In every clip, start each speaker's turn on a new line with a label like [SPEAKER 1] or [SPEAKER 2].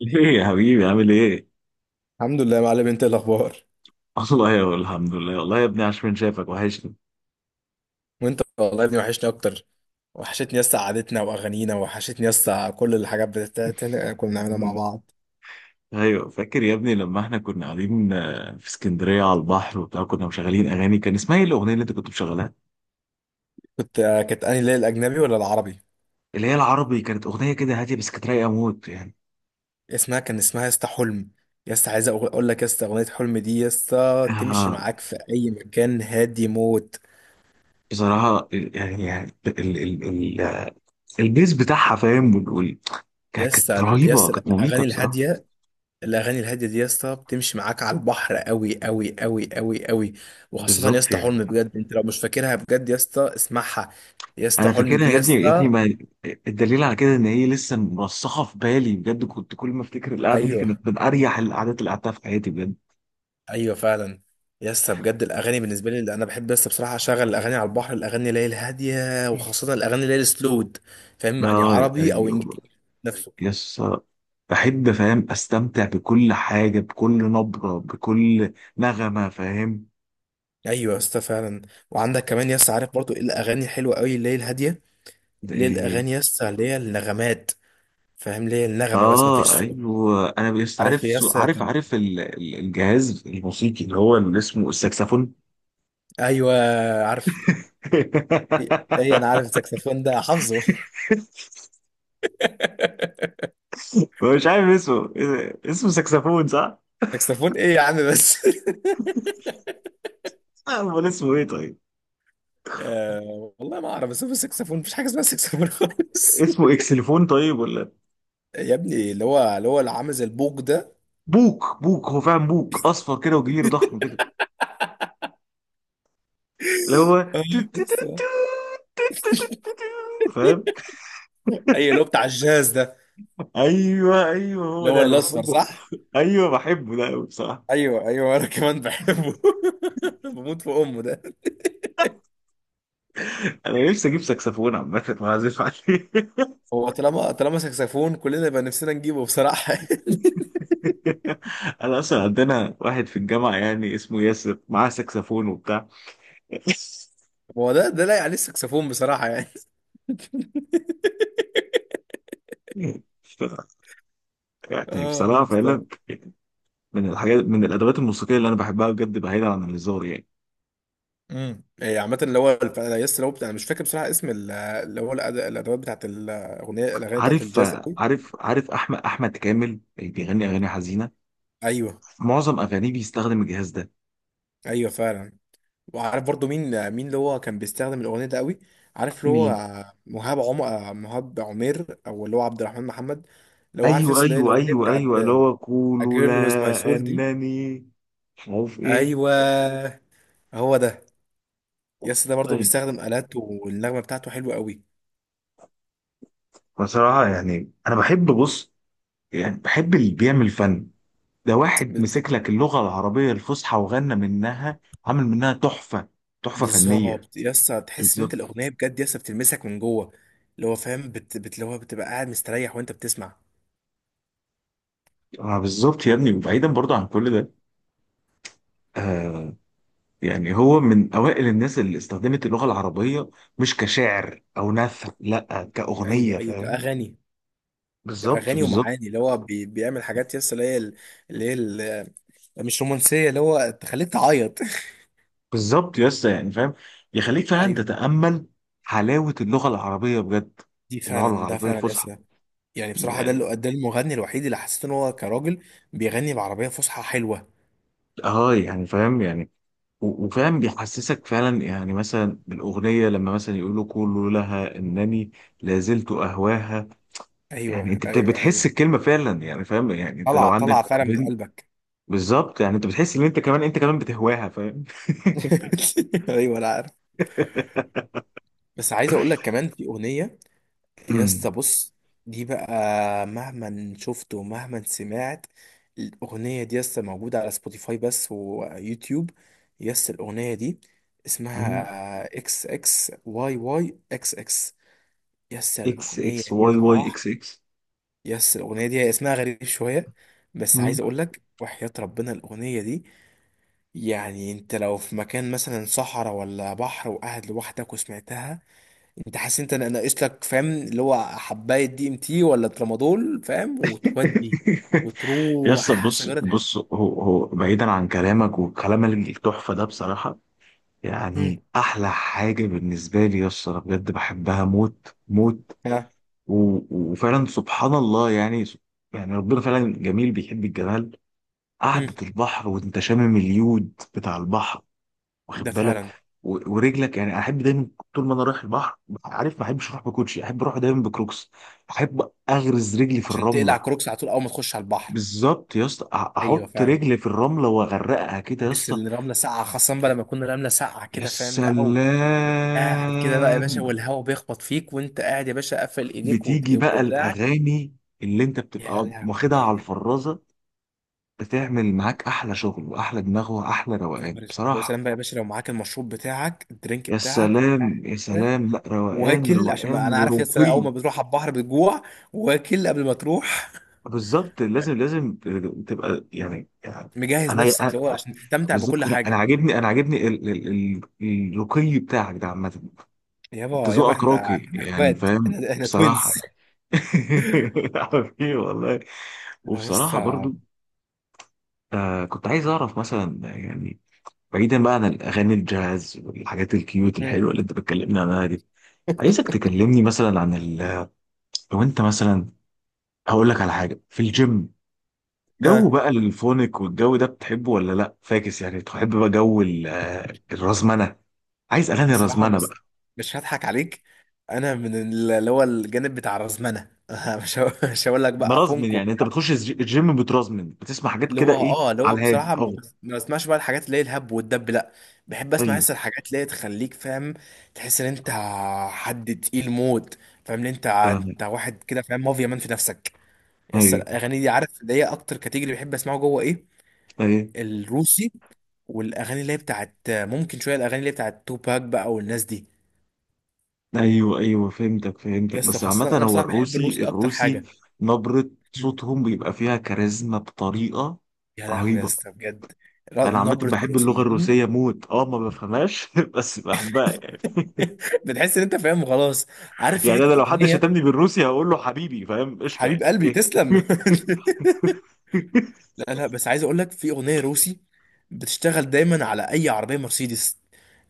[SPEAKER 1] ليه يا حبيبي عامل ايه؟
[SPEAKER 2] الحمد لله يا معلم، انت ايه الاخبار؟
[SPEAKER 1] الله يا الحمد لله والله يا ابني عاش من شافك وحشني
[SPEAKER 2] وانت والله يا ابني، وحشني اكتر. وحشتني يسطا قعدتنا واغانينا. وحشتني يسطا كل الحاجات بتاعت كنا بنعملها مع بعض.
[SPEAKER 1] ايوه فاكر يا ابني لما احنا كنا قاعدين في اسكندريه على البحر وبتاع كنا مشغلين اغاني كان اسمها ايه الاغنيه اللي انت كنت مشغلها؟
[SPEAKER 2] كانت انهي ليله، الاجنبي ولا العربي؟
[SPEAKER 1] اللي هي العربي كانت اغنيه كده هاديه بس كانت رايقه موت يعني.
[SPEAKER 2] اسمها يسطا حلم. يسطا عايز اقول لك، يسطا اغنيه حلم دي يسطا تمشي
[SPEAKER 1] آه،
[SPEAKER 2] معاك في اي مكان، هادي موت.
[SPEAKER 1] بصراحه يعني ال البيز بتاعها فاهم كانت
[SPEAKER 2] يسطا
[SPEAKER 1] رهيبه
[SPEAKER 2] يسطا
[SPEAKER 1] كانت مميته
[SPEAKER 2] الاغاني
[SPEAKER 1] بصراحه.
[SPEAKER 2] الهاديه. الاغاني الهاديه دي يا اسطى بتمشي معاك على البحر قوي قوي قوي قوي قوي. وخاصه يا
[SPEAKER 1] بالظبط
[SPEAKER 2] اسطى
[SPEAKER 1] يعني.
[SPEAKER 2] حلم، بجد انت لو مش فاكرها بجد يا اسطى اسمعها. يا اسطى
[SPEAKER 1] انا
[SPEAKER 2] حلم
[SPEAKER 1] فاكرها
[SPEAKER 2] دي
[SPEAKER 1] يا
[SPEAKER 2] يا
[SPEAKER 1] ابني يا ابني
[SPEAKER 2] اسطى.
[SPEAKER 1] ما الدليل على كده ان هي لسه مرسخه في بالي بجد، كنت كل ما افتكر القعده دي
[SPEAKER 2] ايوه.
[SPEAKER 1] كانت من اريح القعدات اللي قعدتها في حياتي بجد.
[SPEAKER 2] ايوه فعلا. يا اسطى بجد الاغاني بالنسبه لي، اللي انا بحب يا اسطى بصراحه اشغل الاغاني على البحر، الاغاني اللي هي الهاديه، وخاصه الاغاني اللي هي السلود. فاهم يعني،
[SPEAKER 1] اه،
[SPEAKER 2] عربي او
[SPEAKER 1] ايوه.
[SPEAKER 2] انجليزي. نفسه.
[SPEAKER 1] يس، بحب فاهم استمتع بكل حاجه بكل نبره بكل نغمه فاهم.
[SPEAKER 2] ايوه يا اسطى فعلا. وعندك كمان يا اسطى، عارف برضو ايه الاغاني الحلوه قوي اللي هي الهاديه؟
[SPEAKER 1] ده
[SPEAKER 2] اللي هي
[SPEAKER 1] إيه؟
[SPEAKER 2] الاغاني يا اسطى اللي هي النغمات، فاهم؟ ليه النغمه بس مفيش
[SPEAKER 1] اه
[SPEAKER 2] صوت.
[SPEAKER 1] ايوه، انا بس عارف
[SPEAKER 2] عارف يا اسطى
[SPEAKER 1] عارف
[SPEAKER 2] كان.
[SPEAKER 1] الجهاز الموسيقي اللي هو اللي اسمه الساكسفون.
[SPEAKER 2] ايوه. عارف. ايه، انا عارف الساكسفون ده حافظه.
[SPEAKER 1] مش عارف اسمه إيه ده؟ اسمه ساكسفون.
[SPEAKER 2] ساكسفون ايه يا عم بس.
[SPEAKER 1] لا، امال اسمه ايه طيب؟
[SPEAKER 2] آه والله ما اعرف، بس هو الساكسفون مفيش حاجه اسمها ساكسفون خالص.
[SPEAKER 1] اسمه اكسليفون طيب ولا؟
[SPEAKER 2] يا ابني اللي هو اللي عامل زي البوق ده.
[SPEAKER 1] بوك بوك، هو فعلا بوك اصفر كده وكبير ضخم كده، اللي هو
[SPEAKER 2] آه، بس آه.
[SPEAKER 1] تو- تو- فاهم.
[SPEAKER 2] اي، اللي هو بتاع الجاز ده.
[SPEAKER 1] ايوه ايوه، هو
[SPEAKER 2] اللي هو
[SPEAKER 1] ده انا
[SPEAKER 2] الاصفر،
[SPEAKER 1] بحبه.
[SPEAKER 2] صح.
[SPEAKER 1] ايوه بحبه ده قوي بصراحه.
[SPEAKER 2] ايوه ايوه، انا كمان بحبه. بموت في امه ده.
[SPEAKER 1] انا نفسي اجيب ساكسفون عامه واعزف عليه.
[SPEAKER 2] هو طالما طالما ساكسفون، كلنا يبقى نفسنا نجيبه بصراحه.
[SPEAKER 1] انا اصلا عندنا واحد في الجامعه يعني اسمه ياسر معاه ساكسفون وبتاع.
[SPEAKER 2] هو ده لايق عليه الساكسفون بصراحه يعني.
[SPEAKER 1] ف- يعني
[SPEAKER 2] اه يا
[SPEAKER 1] بصراحه
[SPEAKER 2] اسطى.
[SPEAKER 1] فعلا من الحاجات من الادوات الموسيقيه اللي انا بحبها بجد بعيدا عن الهزار يعني.
[SPEAKER 2] إيه، عامة اللي هو أنا يس لو بتاع، انا مش فاكر بصراحة اللي هو الادوات بتاعت الاغاني بتاعت
[SPEAKER 1] عارف
[SPEAKER 2] الجاز قوي.
[SPEAKER 1] عارف، عارف احمد، احمد كامل بيغني اغاني حزينه.
[SPEAKER 2] ايوه
[SPEAKER 1] في معظم اغانيه بيستخدم الجهاز ده.
[SPEAKER 2] ايوه فعلا. وعارف برضو مين اللي هو كان بيستخدم الاغنية ده قوي؟ عارف اللي هو
[SPEAKER 1] مين؟
[SPEAKER 2] مهاب عمير، او اللي هو عبد الرحمن محمد. اللي هو عارف،
[SPEAKER 1] ايوه
[SPEAKER 2] يس، اللي هي
[SPEAKER 1] ايوه
[SPEAKER 2] الاغنية
[SPEAKER 1] ايوه
[SPEAKER 2] بتاعت
[SPEAKER 1] ايوه، اللي هو
[SPEAKER 2] A
[SPEAKER 1] قولوا
[SPEAKER 2] Girl With My
[SPEAKER 1] لا
[SPEAKER 2] Soul دي.
[SPEAKER 1] انني مش عارف ايه.
[SPEAKER 2] ايوه. هو ده. يس، ده برضو
[SPEAKER 1] طيب
[SPEAKER 2] بيستخدم آلات، والنغمة بتاعته حلوة قوي.
[SPEAKER 1] بصراحه يعني انا بحب بص، يعني بحب اللي بيعمل فن. ده واحد مسك لك اللغه العربيه الفصحى وغنى منها، عامل منها تحفه، تحفه فنيه.
[SPEAKER 2] بالظبط يا اسطى، تحس ان انت
[SPEAKER 1] بالظبط.
[SPEAKER 2] الاغنيه بجد يا اسطى بتلمسك من جوه. اللي هو فاهم، اللي هو بتبقى قاعد مستريح وانت بتسمع.
[SPEAKER 1] آه بالظبط يا ابني، وبعيدا برضه عن كل ده آه، يعني هو من أوائل الناس اللي استخدمت اللغة العربية مش كشعر أو نثر، لأ
[SPEAKER 2] ايوه
[SPEAKER 1] كأغنية
[SPEAKER 2] ايوه،
[SPEAKER 1] فاهم.
[SPEAKER 2] اغاني.
[SPEAKER 1] بالظبط
[SPEAKER 2] اغاني
[SPEAKER 1] بالظبط.
[SPEAKER 2] ومعاني، اللي هو بيعمل حاجات يا اسطى، اللي هي ال- مش رومانسيه، اللي هو تخليك تعيط.
[SPEAKER 1] بالظبط يا اسطى يعني فاهم، يخليك فعلا
[SPEAKER 2] ايوه.
[SPEAKER 1] تتأمل حلاوة اللغة العربية بجد،
[SPEAKER 2] دي
[SPEAKER 1] اللغة
[SPEAKER 2] فعلا، ده
[SPEAKER 1] العربية
[SPEAKER 2] فعلا يا
[SPEAKER 1] الفصحى.
[SPEAKER 2] اسطى. يعني بصراحه، ده
[SPEAKER 1] يعني-
[SPEAKER 2] ده المغني الوحيد اللي حسيت ان هو كراجل بيغني بعربيه فصحى حلوه.
[SPEAKER 1] اه يعني فاهم يعني، وفاهم بيحسسك فعلا يعني مثلا بالأغنية لما مثلا يقولوا قولوا لها إنني لازلت أهواها. يعني
[SPEAKER 2] ايوه
[SPEAKER 1] أنت
[SPEAKER 2] ايوه
[SPEAKER 1] بتحس
[SPEAKER 2] ايوه.
[SPEAKER 1] الكلمة فعلا يعني فاهم يعني أنت لو
[SPEAKER 2] طلع
[SPEAKER 1] عندك
[SPEAKER 2] طلع فعلا من
[SPEAKER 1] بنت،
[SPEAKER 2] قلبك.
[SPEAKER 1] بالظبط يعني انت بتحس ان انت كمان انت كمان بتهواها فاهم.
[SPEAKER 2] ايوه انا عارف. بس عايز اقول لك كمان في اغنيه. يا
[SPEAKER 1] أمم.
[SPEAKER 2] اسطى بص، دي بقى، مهما شفت ومهما سمعت. الأغنية دي يا اسطى موجودة على سبوتيفاي بس ويوتيوب. يا اسطى الأغنية دي اسمها XXYYXX. يا اسطى
[SPEAKER 1] اكس
[SPEAKER 2] الأغنية
[SPEAKER 1] اكس
[SPEAKER 2] دي يا
[SPEAKER 1] واي واي
[SPEAKER 2] صلاح.
[SPEAKER 1] اكس اكس.
[SPEAKER 2] يا اسطى الأغنية دي هي اسمها غريب شوية. بس
[SPEAKER 1] أمم.
[SPEAKER 2] عايز أقول لك، وحياة ربنا الأغنية دي، يعني أنت لو في مكان مثلا صحراء ولا بحر وقاعد لوحدك وسمعتها، انت حاسس انت ناقص لك، فاهم، اللي هو حبايه دي MT ولا ترامادول، فاهم، وتودي
[SPEAKER 1] يا اسطى
[SPEAKER 2] وتروح
[SPEAKER 1] بص
[SPEAKER 2] سيجاره.
[SPEAKER 1] بص، هو هو بعيدا عن كلامك والكلام التحفه ده بصراحه،
[SPEAKER 2] هم.
[SPEAKER 1] يعني احلى حاجه بالنسبه لي يا اسطى أنا بجد بحبها موت موت.
[SPEAKER 2] ها.
[SPEAKER 1] و- وفعلا سبحان الله يعني، يعني ربنا فعلا جميل بيحب الجمال.
[SPEAKER 2] هم.
[SPEAKER 1] قعدة البحر وانت شامم اليود بتاع البحر
[SPEAKER 2] ده
[SPEAKER 1] واخد بالك،
[SPEAKER 2] فعلا.
[SPEAKER 1] ورجلك يعني احب دايما طول ما انا رايح البحر. عارف ما احبش اروح بكوتشي، احب اروح دايما بكروكس، احب اغرز رجلي في
[SPEAKER 2] عشان تقلع
[SPEAKER 1] الرمله.
[SPEAKER 2] كروكس على طول اول ما تخش على البحر.
[SPEAKER 1] بالظبط يا اسطى
[SPEAKER 2] ايوه
[SPEAKER 1] احط
[SPEAKER 2] فعلا.
[SPEAKER 1] رجلي في الرمله واغرقها كده يا
[SPEAKER 2] تحس
[SPEAKER 1] اسطى.
[SPEAKER 2] ان الرمله ساقعه، خاصه بقى لما تكون الرمله ساقعه
[SPEAKER 1] يا
[SPEAKER 2] كده، فاهم بقى،
[SPEAKER 1] سلام.
[SPEAKER 2] او قاعد كده بقى يا باشا، والهواء بيخبط فيك وانت قاعد يا باشا قافل ايديك
[SPEAKER 1] بتيجي بقى
[SPEAKER 2] ودراعك.
[SPEAKER 1] الاغاني اللي انت
[SPEAKER 2] يا
[SPEAKER 1] بتبقى واخدها على
[SPEAKER 2] لهوي.
[SPEAKER 1] الفرازه، بتعمل معاك احلى شغل واحلى دماغ واحلى
[SPEAKER 2] يا
[SPEAKER 1] روقان
[SPEAKER 2] نهار اسود،
[SPEAKER 1] بصراحه.
[SPEAKER 2] وسلام بقى يا باشا لو معاك المشروب بتاعك، الدرينك
[SPEAKER 1] يا
[SPEAKER 2] بتاعك
[SPEAKER 1] سلام يا
[SPEAKER 2] وقاعد
[SPEAKER 1] سلام، لا روقان
[SPEAKER 2] واكل، عشان ما
[SPEAKER 1] روقان
[SPEAKER 2] انا عارف يا اسطى اول
[SPEAKER 1] ورقي.
[SPEAKER 2] ما بتروح على البحر بتجوع. واكل قبل ما تروح،
[SPEAKER 1] بالظبط لازم لازم تبقى يعني
[SPEAKER 2] مجهز
[SPEAKER 1] انا
[SPEAKER 2] نفسك،
[SPEAKER 1] أنا-
[SPEAKER 2] اللي هو عشان تستمتع بكل
[SPEAKER 1] بالظبط انا انا
[SPEAKER 2] حاجه.
[SPEAKER 1] عاجبني انا عاجبني الرقي بتاعك ده عامه. انت
[SPEAKER 2] يابا يابا،
[SPEAKER 1] ذوقك
[SPEAKER 2] احنا
[SPEAKER 1] راقي
[SPEAKER 2] احنا
[SPEAKER 1] يعني
[SPEAKER 2] اخوات،
[SPEAKER 1] فاهم
[SPEAKER 2] احنا
[SPEAKER 1] بصراحه
[SPEAKER 2] توينز.
[SPEAKER 1] يعني. حبيبي والله.
[SPEAKER 2] يا
[SPEAKER 1] وبصراحه
[SPEAKER 2] اسطى.
[SPEAKER 1] برضو آه، كنت عايز اعرف مثلا يعني، بعيدا بقى عن الاغاني الجاز والحاجات الكيوت
[SPEAKER 2] مم.
[SPEAKER 1] الحلوه اللي انت بتكلمني عنها دي، عايزك تكلمني مثلا عن ال... لو انت مثلا هقول لك على حاجه في الجيم. جو
[SPEAKER 2] ها.
[SPEAKER 1] بقى الفونك والجو ده بتحبه ولا لا فاكس يعني تحب بقى جو الرزمنه؟ عايز اغاني
[SPEAKER 2] بصراحه
[SPEAKER 1] رزمنه
[SPEAKER 2] بص،
[SPEAKER 1] بقى؟
[SPEAKER 2] مش هضحك عليك. انا من اللي هو الجانب بتاع الرزمنه. مش هقول لك بقى
[SPEAKER 1] مرزمن
[SPEAKER 2] فونكو.
[SPEAKER 1] يعني انت بتخش الجيم بترزمن بتسمع حاجات
[SPEAKER 2] اللي
[SPEAKER 1] كده
[SPEAKER 2] هو
[SPEAKER 1] ايه
[SPEAKER 2] اللي هو
[SPEAKER 1] على الهادي؟
[SPEAKER 2] بصراحة
[SPEAKER 1] اه
[SPEAKER 2] ما بسمعش بقى الحاجات اللي هي الهب والدب، لا. بحب اسمع
[SPEAKER 1] ايوه
[SPEAKER 2] لسه الحاجات اللي هي تخليك، فاهم، تحس ان انت حد تقيل موت، فاهم، ان انت
[SPEAKER 1] فاهم.
[SPEAKER 2] انت واحد كده، فاهم، مافيا مان في نفسك. لسه
[SPEAKER 1] ايوه
[SPEAKER 2] الاغاني دي، عارف اللي هي اكتر كاتيجوري بحب اسمعه جوه ايه؟
[SPEAKER 1] ايوه
[SPEAKER 2] الروسي. والاغاني اللي هي بتاعت ممكن شوية الاغاني اللي هي بتاعت توباك بقى والناس دي.
[SPEAKER 1] ايوه، ايوه فهمتك فهمتك،
[SPEAKER 2] لسه
[SPEAKER 1] بس عامه
[SPEAKER 2] خاصة انا
[SPEAKER 1] هو
[SPEAKER 2] بصراحة بحب
[SPEAKER 1] الروسي
[SPEAKER 2] الروسي اكتر
[SPEAKER 1] الروسي
[SPEAKER 2] حاجة.
[SPEAKER 1] نبره
[SPEAKER 2] مم.
[SPEAKER 1] صوتهم بيبقى فيها كاريزما بطريقه
[SPEAKER 2] يا لهوي يا
[SPEAKER 1] رهيبه.
[SPEAKER 2] اسطى بجد.
[SPEAKER 1] انا عامه
[SPEAKER 2] نبرة
[SPEAKER 1] بحب اللغه
[SPEAKER 2] الروسيين.
[SPEAKER 1] الروسيه موت، اه ما بفهمهاش بس بحبها يعني.
[SPEAKER 2] بتحس ان انت فاهم خلاص. عارف في
[SPEAKER 1] يعني
[SPEAKER 2] حته
[SPEAKER 1] انا لو حد شتمني
[SPEAKER 2] اغنيه.
[SPEAKER 1] بالروسي هقول له حبيبي فاهم قشطه يعني
[SPEAKER 2] حبيب قلبي
[SPEAKER 1] اوكي.
[SPEAKER 2] تسلم. لا لا، بس عايز اقول لك في اغنيه روسي بتشتغل دايما على اي عربيه مرسيدس.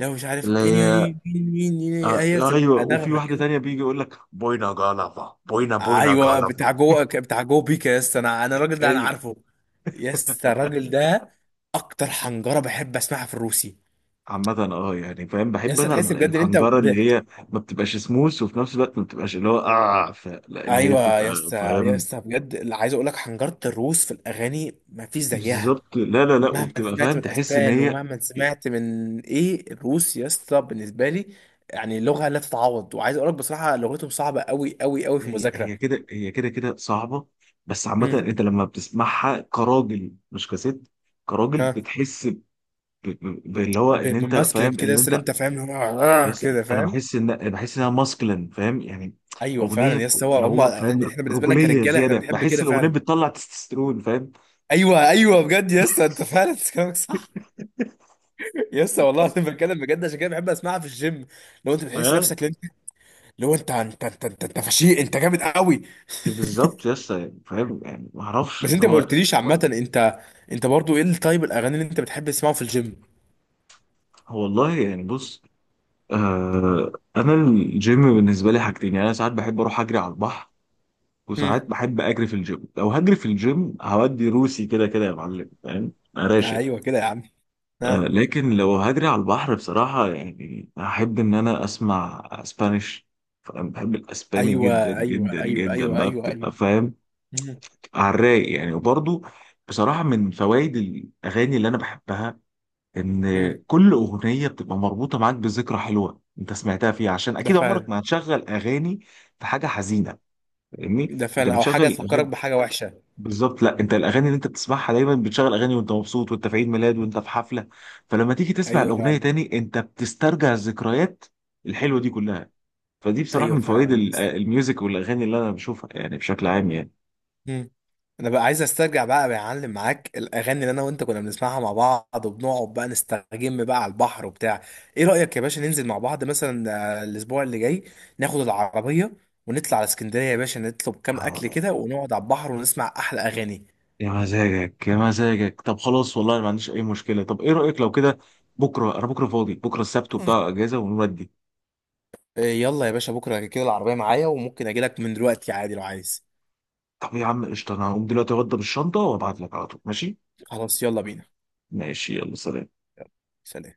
[SPEAKER 2] لو مش عارف
[SPEAKER 1] اللي
[SPEAKER 2] اني
[SPEAKER 1] هي
[SPEAKER 2] مين، مين.
[SPEAKER 1] آه
[SPEAKER 2] هي بتبقى
[SPEAKER 1] ايوه، وفي
[SPEAKER 2] نغمه
[SPEAKER 1] واحده تانية
[SPEAKER 2] كده.
[SPEAKER 1] بيجي يقول لك بوينا جالافا بوينا بوينا
[SPEAKER 2] ايوه، بتاع
[SPEAKER 1] جالافا.
[SPEAKER 2] جوه بتاع جوه بيكا يا اسطى، انا الراجل ده انا
[SPEAKER 1] ايوه.
[SPEAKER 2] عارفه. يا اسطى الراجل ده اكتر حنجره بحب اسمعها في الروسي.
[SPEAKER 1] عامة اه يعني فاهم
[SPEAKER 2] يا
[SPEAKER 1] بحب
[SPEAKER 2] اسطى
[SPEAKER 1] انا
[SPEAKER 2] تحس بجد ان انت
[SPEAKER 1] الحنجرة اللي هي ما بتبقاش سموث وفي نفس الوقت ما بتبقاش اللي هو اه لا اللي هي
[SPEAKER 2] ايوه يا
[SPEAKER 1] بتبقى
[SPEAKER 2] اسطى، يا
[SPEAKER 1] فاهم.
[SPEAKER 2] اسطى بجد اللي عايز اقول لك، حنجره الروس في الاغاني ما فيش زيها.
[SPEAKER 1] بالظبط لا لا لا،
[SPEAKER 2] مهما
[SPEAKER 1] وبتبقى
[SPEAKER 2] سمعت
[SPEAKER 1] فاهم
[SPEAKER 2] من
[SPEAKER 1] تحس ان
[SPEAKER 2] اسبان،
[SPEAKER 1] هي
[SPEAKER 2] ومهما سمعت من الروس يا اسطى بالنسبه لي، يعني لغه لا تتعوض. وعايز اقول لك بصراحه لغتهم صعبه قوي قوي قوي في
[SPEAKER 1] هي
[SPEAKER 2] المذاكره.
[SPEAKER 1] هي كده، هي كده كده صعبة، بس عامة
[SPEAKER 2] امم
[SPEAKER 1] انت لما بتسمعها كراجل مش كست، كراجل
[SPEAKER 2] ها.
[SPEAKER 1] بتحس باللي هو ان انت
[SPEAKER 2] بماسكلين
[SPEAKER 1] فاهم
[SPEAKER 2] كده يا
[SPEAKER 1] ان
[SPEAKER 2] اسطى، اللي
[SPEAKER 1] انت.
[SPEAKER 2] انت فاهم اللي هو
[SPEAKER 1] يس
[SPEAKER 2] كده،
[SPEAKER 1] انا
[SPEAKER 2] فاهم.
[SPEAKER 1] بحس ان بحس انها ماسكلين فاهم يعني.
[SPEAKER 2] ايوه
[SPEAKER 1] اغنية
[SPEAKER 2] فعلا يا اسطى،
[SPEAKER 1] اللي
[SPEAKER 2] هو هم
[SPEAKER 1] هو
[SPEAKER 2] يعني
[SPEAKER 1] فاهم
[SPEAKER 2] احنا بالنسبه لنا
[SPEAKER 1] رجولية
[SPEAKER 2] كرجاله احنا
[SPEAKER 1] زيادة
[SPEAKER 2] بنحب
[SPEAKER 1] بحس
[SPEAKER 2] كده
[SPEAKER 1] الاغنية
[SPEAKER 2] فعلا.
[SPEAKER 1] بتطلع تستوستيرون فاهم.
[SPEAKER 2] ايوه ايوه بجد يا اسطى، انت فعلا كلامك صح. يا اسطى والله العظيم بتكلم بجد، عشان كده بحب اسمعها في الجيم. لو انت بتحس
[SPEAKER 1] اه
[SPEAKER 2] نفسك اللي هو انت انت، انت فشيء، انت جامد قوي.
[SPEAKER 1] إيه بالظبط يس يعني فاهم يعني ما اعرفش
[SPEAKER 2] بس
[SPEAKER 1] اللي
[SPEAKER 2] انت ما
[SPEAKER 1] هو.
[SPEAKER 2] قلتليش عامة، انت انت برضو ايه التايب الاغاني اللي انت بتحب تسمعه في الجيم؟
[SPEAKER 1] هو والله يعني بص، آه انا الجيم بالنسبة لي حاجتين يعني، انا ساعات بحب اروح اجري على البحر
[SPEAKER 2] هم.
[SPEAKER 1] وساعات بحب اجري في الجيم. لو هجري في الجيم هودي روسي كده كده يا معلم فاهم انا راشق.
[SPEAKER 2] ايوه كده يا عم. ها.
[SPEAKER 1] لكن لو هجري على البحر بصراحة يعني هحب ان انا اسمع اسبانيش، فانا بحب الاسباني
[SPEAKER 2] ايوه
[SPEAKER 1] جدا
[SPEAKER 2] ايوه
[SPEAKER 1] جدا
[SPEAKER 2] ايوه
[SPEAKER 1] جدا
[SPEAKER 2] ايوه
[SPEAKER 1] بقى
[SPEAKER 2] ايوه
[SPEAKER 1] بتبقى
[SPEAKER 2] ايوه.
[SPEAKER 1] فاهم
[SPEAKER 2] هم.
[SPEAKER 1] على الرايق يعني. وبرضه بصراحة من فوائد الاغاني اللي انا بحبها
[SPEAKER 2] هم.
[SPEAKER 1] ان كل اغنية بتبقى مربوطة معاك بذكرى حلوة انت سمعتها فيها، عشان
[SPEAKER 2] ده
[SPEAKER 1] اكيد عمرك
[SPEAKER 2] فعلا.
[SPEAKER 1] ما هتشغل اغاني في حاجة حزينة فاهمني،
[SPEAKER 2] ده
[SPEAKER 1] انت
[SPEAKER 2] فعلا، او حاجة
[SPEAKER 1] بتشغل
[SPEAKER 2] تفكرك
[SPEAKER 1] اغاني.
[SPEAKER 2] بحاجة وحشة.
[SPEAKER 1] بالظبط، لا انت الاغاني اللي انت بتسمعها دايما بتشغل اغاني وانت مبسوط وانت في عيد ميلاد وانت في حفله، فلما تيجي تسمع
[SPEAKER 2] ايوه
[SPEAKER 1] الاغنيه
[SPEAKER 2] فعلا.
[SPEAKER 1] تاني انت بتسترجع الذكريات الحلوه دي كلها. فدي بصراحه
[SPEAKER 2] ايوه
[SPEAKER 1] من فوائد
[SPEAKER 2] فعلا.
[SPEAKER 1] الميوزك والاغاني اللي انا بشوفها يعني بشكل عام يعني.
[SPEAKER 2] مم. انا بقى عايز استرجع بقى بعلم معاك الاغاني اللي انا وانت كنا بنسمعها مع بعض، وبنقعد بقى نستجم بقى على البحر وبتاع. ايه رايك يا باشا ننزل مع بعض مثلا آه، الاسبوع اللي جاي؟ ناخد العربيه ونطلع على اسكندريه يا باشا، نطلب كام اكل
[SPEAKER 1] آه،
[SPEAKER 2] كده ونقعد على البحر ونسمع احلى اغاني.
[SPEAKER 1] يا مزاجك يا مزاجك. طب خلاص والله أنا ما عنديش اي مشكله، طب ايه رايك لو كده بكره؟ انا بكره فاضي، بكره السبت وبتاع اجازه ونودي.
[SPEAKER 2] آه، يلا يا باشا بكره كده، العربيه معايا وممكن اجي لك من دلوقتي عادي لو عايز.
[SPEAKER 1] طب يا عم قشطه، انا هقوم دلوقتي اوضب الشنطه وابعت لك على طول ماشي.
[SPEAKER 2] خلاص يلا بينا.
[SPEAKER 1] ماشي يلا سلام.
[SPEAKER 2] سلام.